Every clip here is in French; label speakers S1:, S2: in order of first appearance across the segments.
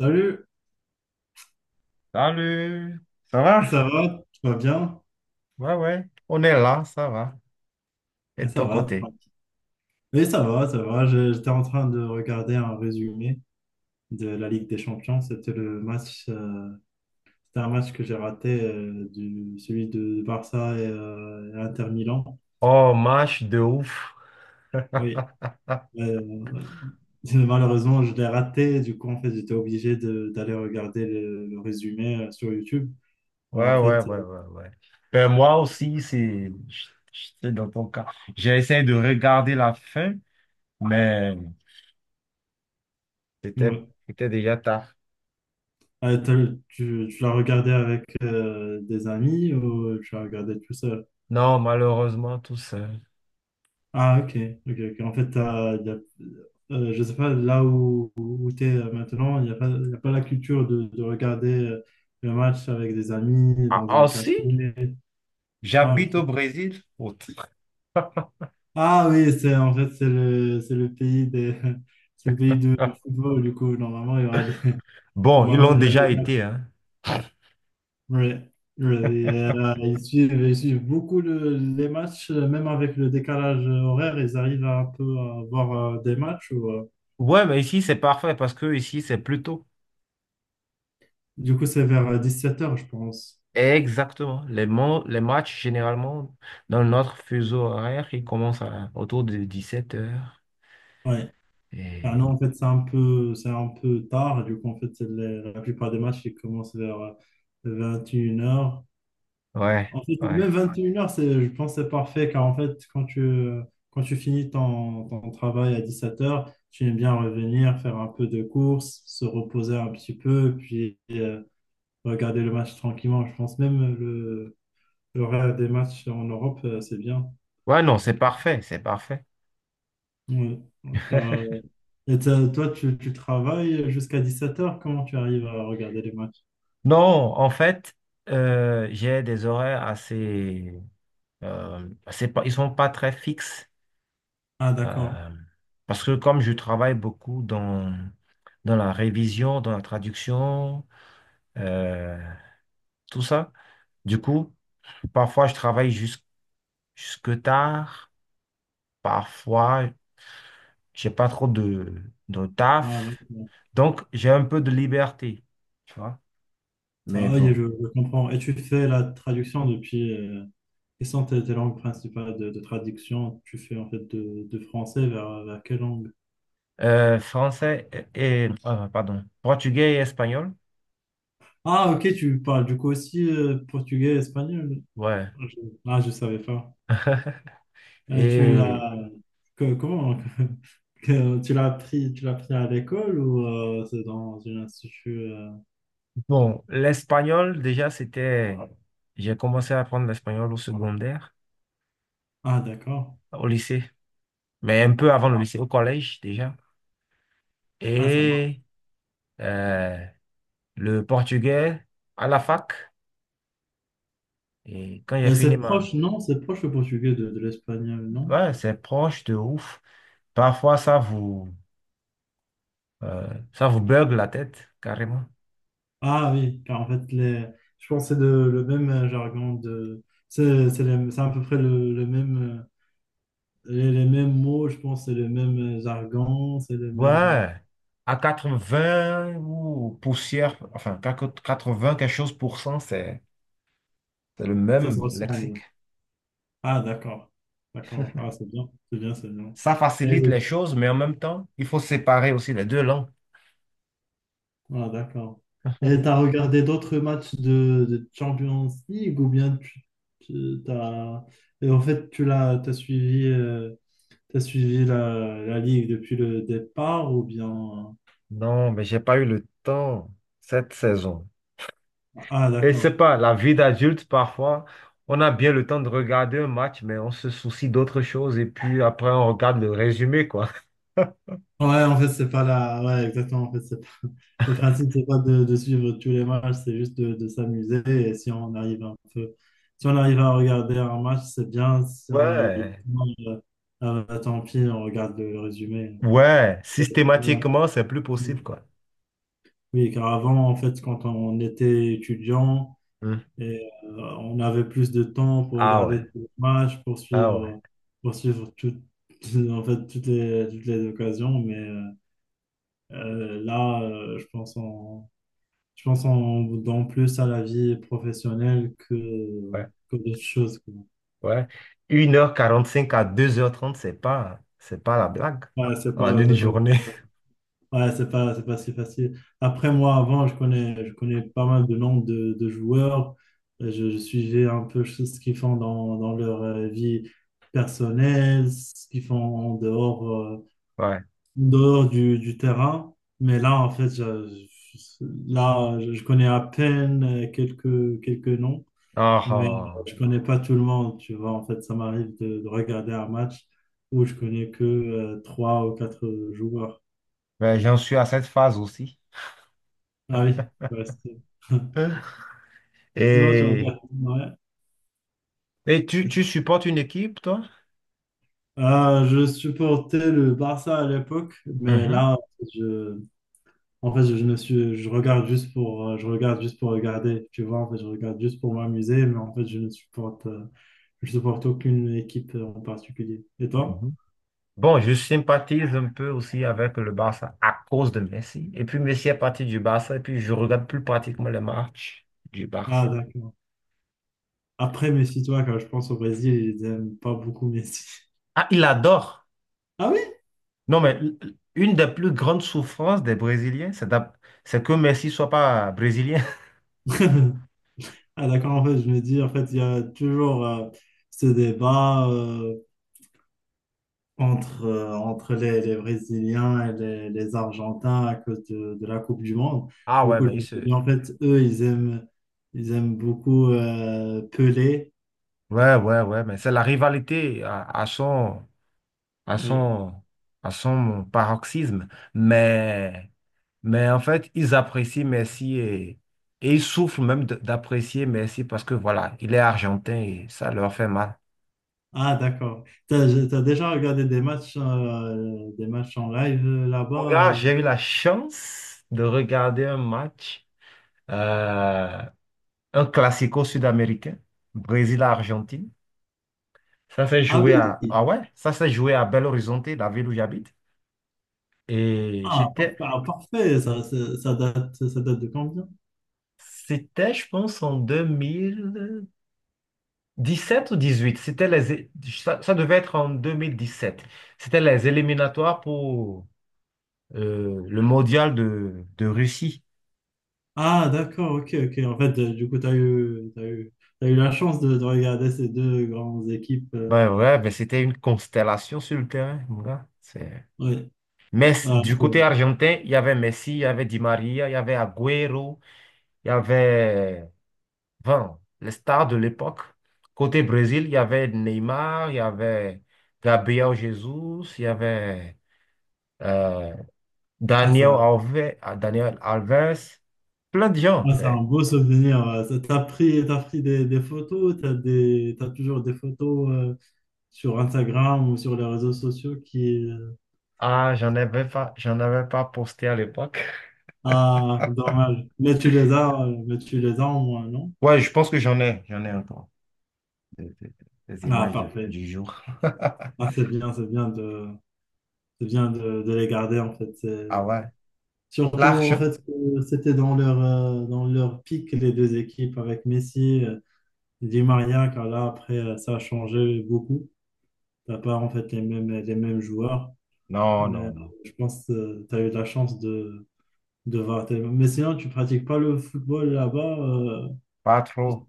S1: Salut,
S2: Salut! Ça va?
S1: ça va? Tu vas bien?
S2: Ouais, ouais, on est là, ça va. Et de
S1: Ça
S2: ton
S1: va.
S2: côté?
S1: Oui, ça va, ça va. J'étais en train de regarder un résumé de la Ligue des Champions. C'était un match que j'ai raté, celui de Barça et Inter Milan.
S2: Oh, match de ouf.
S1: Oui. Euh, Malheureusement, je l'ai raté. Du coup, en fait, j'étais obligé d'aller regarder le résumé sur YouTube. En
S2: Ouais, ouais,
S1: fait,
S2: ouais,
S1: euh,
S2: ouais, ouais. Ben, moi aussi, c'est dans ton cas. J'ai essayé de regarder la fin, mais c'était
S1: ouais.
S2: c'était déjà tard.
S1: Ah, tu l'as regardé avec des amis ou tu l'as regardé tout seul?
S2: Non, malheureusement, tout seul.
S1: Ah, ok, ok, ok. En fait, je sais pas, là où tu es maintenant, il n'y a pas, y a pas la culture de regarder le match avec des amis
S2: Ah,
S1: dans
S2: ah,
S1: un café.
S2: aussi,
S1: Ah,
S2: j'habite au
S1: ok.
S2: Brésil. Autre.
S1: Ah oui, c'est en fait, c'est le pays c'est le pays du football, du coup. Normalement, il y aura des,
S2: Bon, ils
S1: normalement,
S2: l'ont
S1: il y aura
S2: déjà
S1: des
S2: été, hein.
S1: Ouais, ouais. Et, ils suivent beaucoup les matchs, même avec le décalage horaire, ils arrivent à un peu à voir des matchs.
S2: Ouais, mais ici, c'est parfait parce que ici, c'est plus tôt.
S1: Du coup, c'est vers 17 heures, je pense.
S2: Exactement. Les, les matchs, généralement, dans notre fuseau horaire, ils commencent autour de 17 heures.
S1: Ouais. Ah
S2: Et...
S1: non, en fait, c'est un peu tard. Du coup, en fait, la plupart des matchs, ils commencent vers 21 heures.
S2: Ouais,
S1: En fait,
S2: ouais.
S1: même 21 heures je pense que c'est parfait car en fait, quand tu finis ton travail à 17 heures, tu aimes bien revenir, faire un peu de course, se reposer un petit peu, puis regarder le match tranquillement. Je pense même le l'horaire des matchs en Europe, c'est bien.
S2: Ouais, non, c'est parfait, c'est parfait.
S1: Ouais. Toi, tu travailles jusqu'à 17 heures, comment tu arrives à regarder les matchs?
S2: Non, en fait, j'ai des horaires assez... c'est pas, ils sont pas très fixes.
S1: Ah, d'accord.
S2: euh, Parce que comme je travaille beaucoup dans, dans la révision, dans la traduction, euh, tout ça, du coup, parfois je travaille jusque tard. Parfois, j'ai pas trop de
S1: Ah,
S2: taf.
S1: d'accord.
S2: Donc, j'ai un peu de liberté, tu vois.
S1: Ça
S2: Mais
S1: va,
S2: bon.
S1: je comprends. Et tu fais la traduction depuis, Et sans tes langues principales de traduction, tu fais en fait de français vers quelle langue?
S2: Français et, pardon, portugais et espagnol.
S1: Ah, ok, tu parles du coup aussi portugais, espagnol.
S2: Ouais.
S1: Je- Ah, je savais pas. Et tu
S2: Et
S1: l'as Comment tu l'as appris à l'école ou c'est dans un institut.
S2: bon, l'espagnol, déjà, c'était. J'ai commencé à apprendre l'espagnol au secondaire,
S1: Ah, d'accord.
S2: au lycée, mais un peu avant le lycée, au collège déjà.
S1: Ah, ça
S2: Et
S1: marche.
S2: euh, le portugais à la fac. Et quand j'ai fini
S1: C'est
S2: ma.
S1: proche, non? C'est proche le portugais de l'espagnol, non?
S2: Ouais, c'est proche de ouf. Parfois, euh, ça vous bugle la tête, carrément.
S1: Ah oui, car en fait je pense que c'est le même jargon c'est à peu près le même. J'ai les mêmes mots, je pense, c'est le même jargon, c'est le même.
S2: Ouais, à 80 ou poussière, enfin, quatre-vingts quelque chose pour cent, c'est le
S1: Ça se
S2: même lexique.
S1: ressemble. Ah, d'accord. D'accord. Ah, c'est bien. C'est bien, c'est bien.
S2: Ça
S1: Et...
S2: facilite les choses, mais en même temps, il faut séparer aussi les deux langues.
S1: Ah, d'accord. Et t'as regardé d'autres matchs de Champions League ou bien tu, tu- t'as... et en fait, tu l'as, t'as suivi la Ligue depuis le départ ou bien.
S2: Non, mais j'ai pas eu le temps cette saison.
S1: Ah,
S2: Et
S1: d'accord.
S2: c'est pas, la vie d'adulte, parfois, on a bien le temps de regarder un match, mais on se soucie d'autres choses et puis après, on regarde le résumé, quoi.
S1: Ouais, en fait, c'est pas la. Ouais, exactement. Le principe, c'est pas de suivre tous les matchs, c'est juste de s'amuser. Et si on arrive un peu, si on arrive à regarder un match, c'est bien. Si on arrive
S2: Ouais.
S1: pas, bah, tant pis, on regarde le résumé.
S2: Ouais,
S1: C'est- ouais.
S2: systématiquement, c'est plus possible, quoi.
S1: Oui, car avant, en fait, quand on était étudiant,
S2: Hmm.
S1: on avait plus de temps pour
S2: Ah ouais,
S1: regarder tous les matchs,
S2: ah ouais,
S1: pour suivre en fait, toutes les occasions. Mais là, je pense qu'on Je pense qu'on donne plus à la vie professionnelle
S2: ouais,
S1: que d'autres choses, quoi.
S2: ouais. Une heure quarante-cinq à deux heures trente, c'est pas la blague
S1: Ouais, c'est
S2: en
S1: pas,
S2: une
S1: c'est pas,
S2: journée.
S1: ouais, c'est pas si facile. Après, moi, avant, je connais pas mal de noms de joueurs. Je suivais un peu ce qu'ils font dans leur vie personnelle, ce qu'ils font
S2: Ouais.
S1: en dehors du terrain. Mais là, en fait, je- là, je connais à peine quelques noms.
S2: Ah,
S1: Mais
S2: ah.
S1: je connais pas tout le monde, tu vois. En fait, ça m'arrive de regarder un match où je connais que trois ou quatre joueurs.
S2: Mais j'en suis à cette phase aussi.
S1: Ah oui, ouais,
S2: Hein.
S1: sinon tu
S2: Et,
S1: regardes. Ouais.
S2: et tu, tu supportes une équipe, toi?
S1: Ah, je supportais le Barça à l'époque, mais
S2: Mhm,
S1: là, je, en fait, je ne suis, je regarde juste je regarde juste pour regarder, tu vois. En fait, je regarde juste pour m'amuser, mais en fait, je ne supporte, je supporte aucune équipe en particulier. Et toi?
S2: mhm. Bon, je sympathise un peu aussi avec le Barça à cause de Messi. Et puis Messi est parti du Barça et puis je regarde plus pratiquement les matchs du
S1: Ah,
S2: Barça.
S1: d'accord. Après, méfie-toi, quand je pense au Brésil, ils aiment pas beaucoup Messi.
S2: Ah, il adore.
S1: Ah oui?
S2: Non, mais une des plus grandes souffrances des Brésiliens, c'est que Messi soit pas brésilien.
S1: Ah d'accord, en fait, je me dis, en fait, il y a toujours ce débat entre les Brésiliens et les Argentins à cause de la Coupe du Monde.
S2: Ah
S1: Du
S2: ouais,
S1: coup,
S2: mais
S1: je
S2: il
S1: me suis
S2: se...
S1: dit, en fait, eux, ils aiment beaucoup Pelé.
S2: Ouais, ouais, ouais, mais c'est la rivalité à son, à
S1: Oui.
S2: son, à son paroxysme. Mais, en fait, ils apprécient Messi et ils souffrent même d'apprécier Messi parce que voilà, il est argentin et ça leur fait mal.
S1: Ah d'accord. T'as déjà regardé des matchs en live
S2: Mon gars,
S1: là-bas?
S2: j'ai eu la chance de regarder un match. euh, un classico sud-américain, Brésil-Argentine. Ça s'est
S1: Ah
S2: joué
S1: oui!
S2: à, ah ouais, ça s'est joué à Belo Horizonte, la ville où j'habite. Et
S1: Ah,
S2: c'était,
S1: parfait, ah, parfait. Ça date de combien?
S2: je pense, en deux mille dix sept ou 18. C'était les, ça devait être en 2017. C'était les éliminatoires pour le mondial de Russie.
S1: Ah, d'accord, ok, ok. En fait, du coup, tu as eu, t'as eu, t'as eu la chance de regarder ces deux grandes équipes.
S2: Ben ouais, ben c'était une constellation sur le terrain, mon gars. C'est-
S1: Ouais.
S2: Mais
S1: Ah,
S2: du côté
S1: c'est
S2: argentin, il y avait Messi, il y avait Di Maria, il y avait Agüero. Il y avait 20, les stars de l'époque. Côté Brésil, il y avait Neymar, il y avait Gabriel Jesus, il y avait euh,
S1: ah, c'est
S2: Daniel
S1: un,
S2: Alves, ah, Daniel Alves, plein de gens.
S1: ah, c'est un
S2: C'est...
S1: beau souvenir. Ouais. T'as pris des photos, t'as toujours des photos sur Instagram ou sur les réseaux sociaux qui...
S2: Ah, j'en avais pas posté à l'époque.
S1: Ah, dommage. Mais tu les as au moins, non?
S2: Ouais, je pense que j'en ai encore des, des
S1: Ah,
S2: images
S1: parfait.
S2: du jour.
S1: Ah, c'est bien, c'est bien de les garder en fait.
S2: Ah ouais,
S1: Surtout, en
S2: l'argent?
S1: fait, que c'était dans leur pic, les deux équipes, avec Messi, Di Maria, car là, après, ça a changé beaucoup. T'as pas, en fait, les mêmes joueurs.
S2: Non,
S1: Mais
S2: non, non,
S1: je pense que tu as eu la chance de voir. Mais sinon, tu pratiques pas le football là-bas.
S2: pas
S1: Juste-
S2: trop.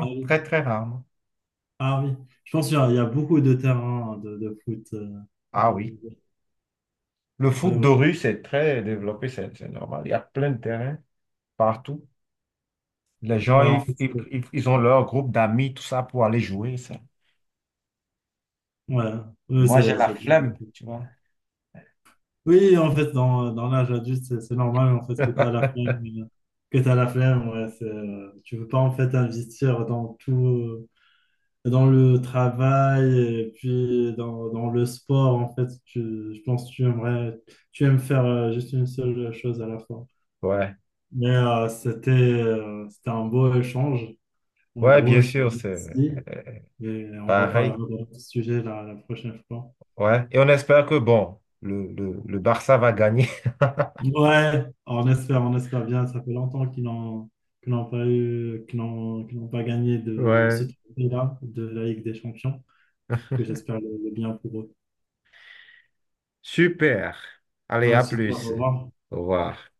S1: Ah oui.
S2: très très rarement.
S1: Ah oui. Je pense qu'il y a beaucoup de terrains de foot.
S2: Ah
S1: Je-
S2: oui. Le
S1: ouais,
S2: foot de
S1: ouais.
S2: rue, c'est très développé, c'est normal. Il y a plein de terrains partout. Les gens,
S1: Ouais, en
S2: ils,
S1: fait,
S2: ils ont leur groupe d'amis, tout ça, pour aller jouer, ça.
S1: Ouais.
S2: Et
S1: Ouais,
S2: moi, j'ai la
S1: c'est bien.
S2: flemme, tu vois.
S1: Oui, en fait, dans l'âge adulte, c'est normal en fait que tu as la flemme, ouais, tu veux pas en fait investir dans tout, dans le travail et puis dans le sport en fait, tu, je pense que tu aimerais, tu aimes faire juste une seule chose à la fois.
S2: Ouais,
S1: C'était un beau échange. En
S2: ouais,
S1: gros,
S2: bien
S1: je te
S2: sûr, c'est
S1: remercie et on reparlera
S2: pareil.
S1: de ce sujet la prochaine fois.
S2: Ouais. Et on espère que, bon, le Barça va gagner.
S1: Ouais, on espère bien. Ça fait longtemps qu'ils n'ont pas gagné de ce
S2: Ouais.
S1: trophée-là, de la Ligue des Champions. Du coup, j'espère le bien pour eux.
S2: Super. Allez,
S1: Voilà,
S2: à
S1: c'est dit, au
S2: plus.
S1: revoir.
S2: Au revoir.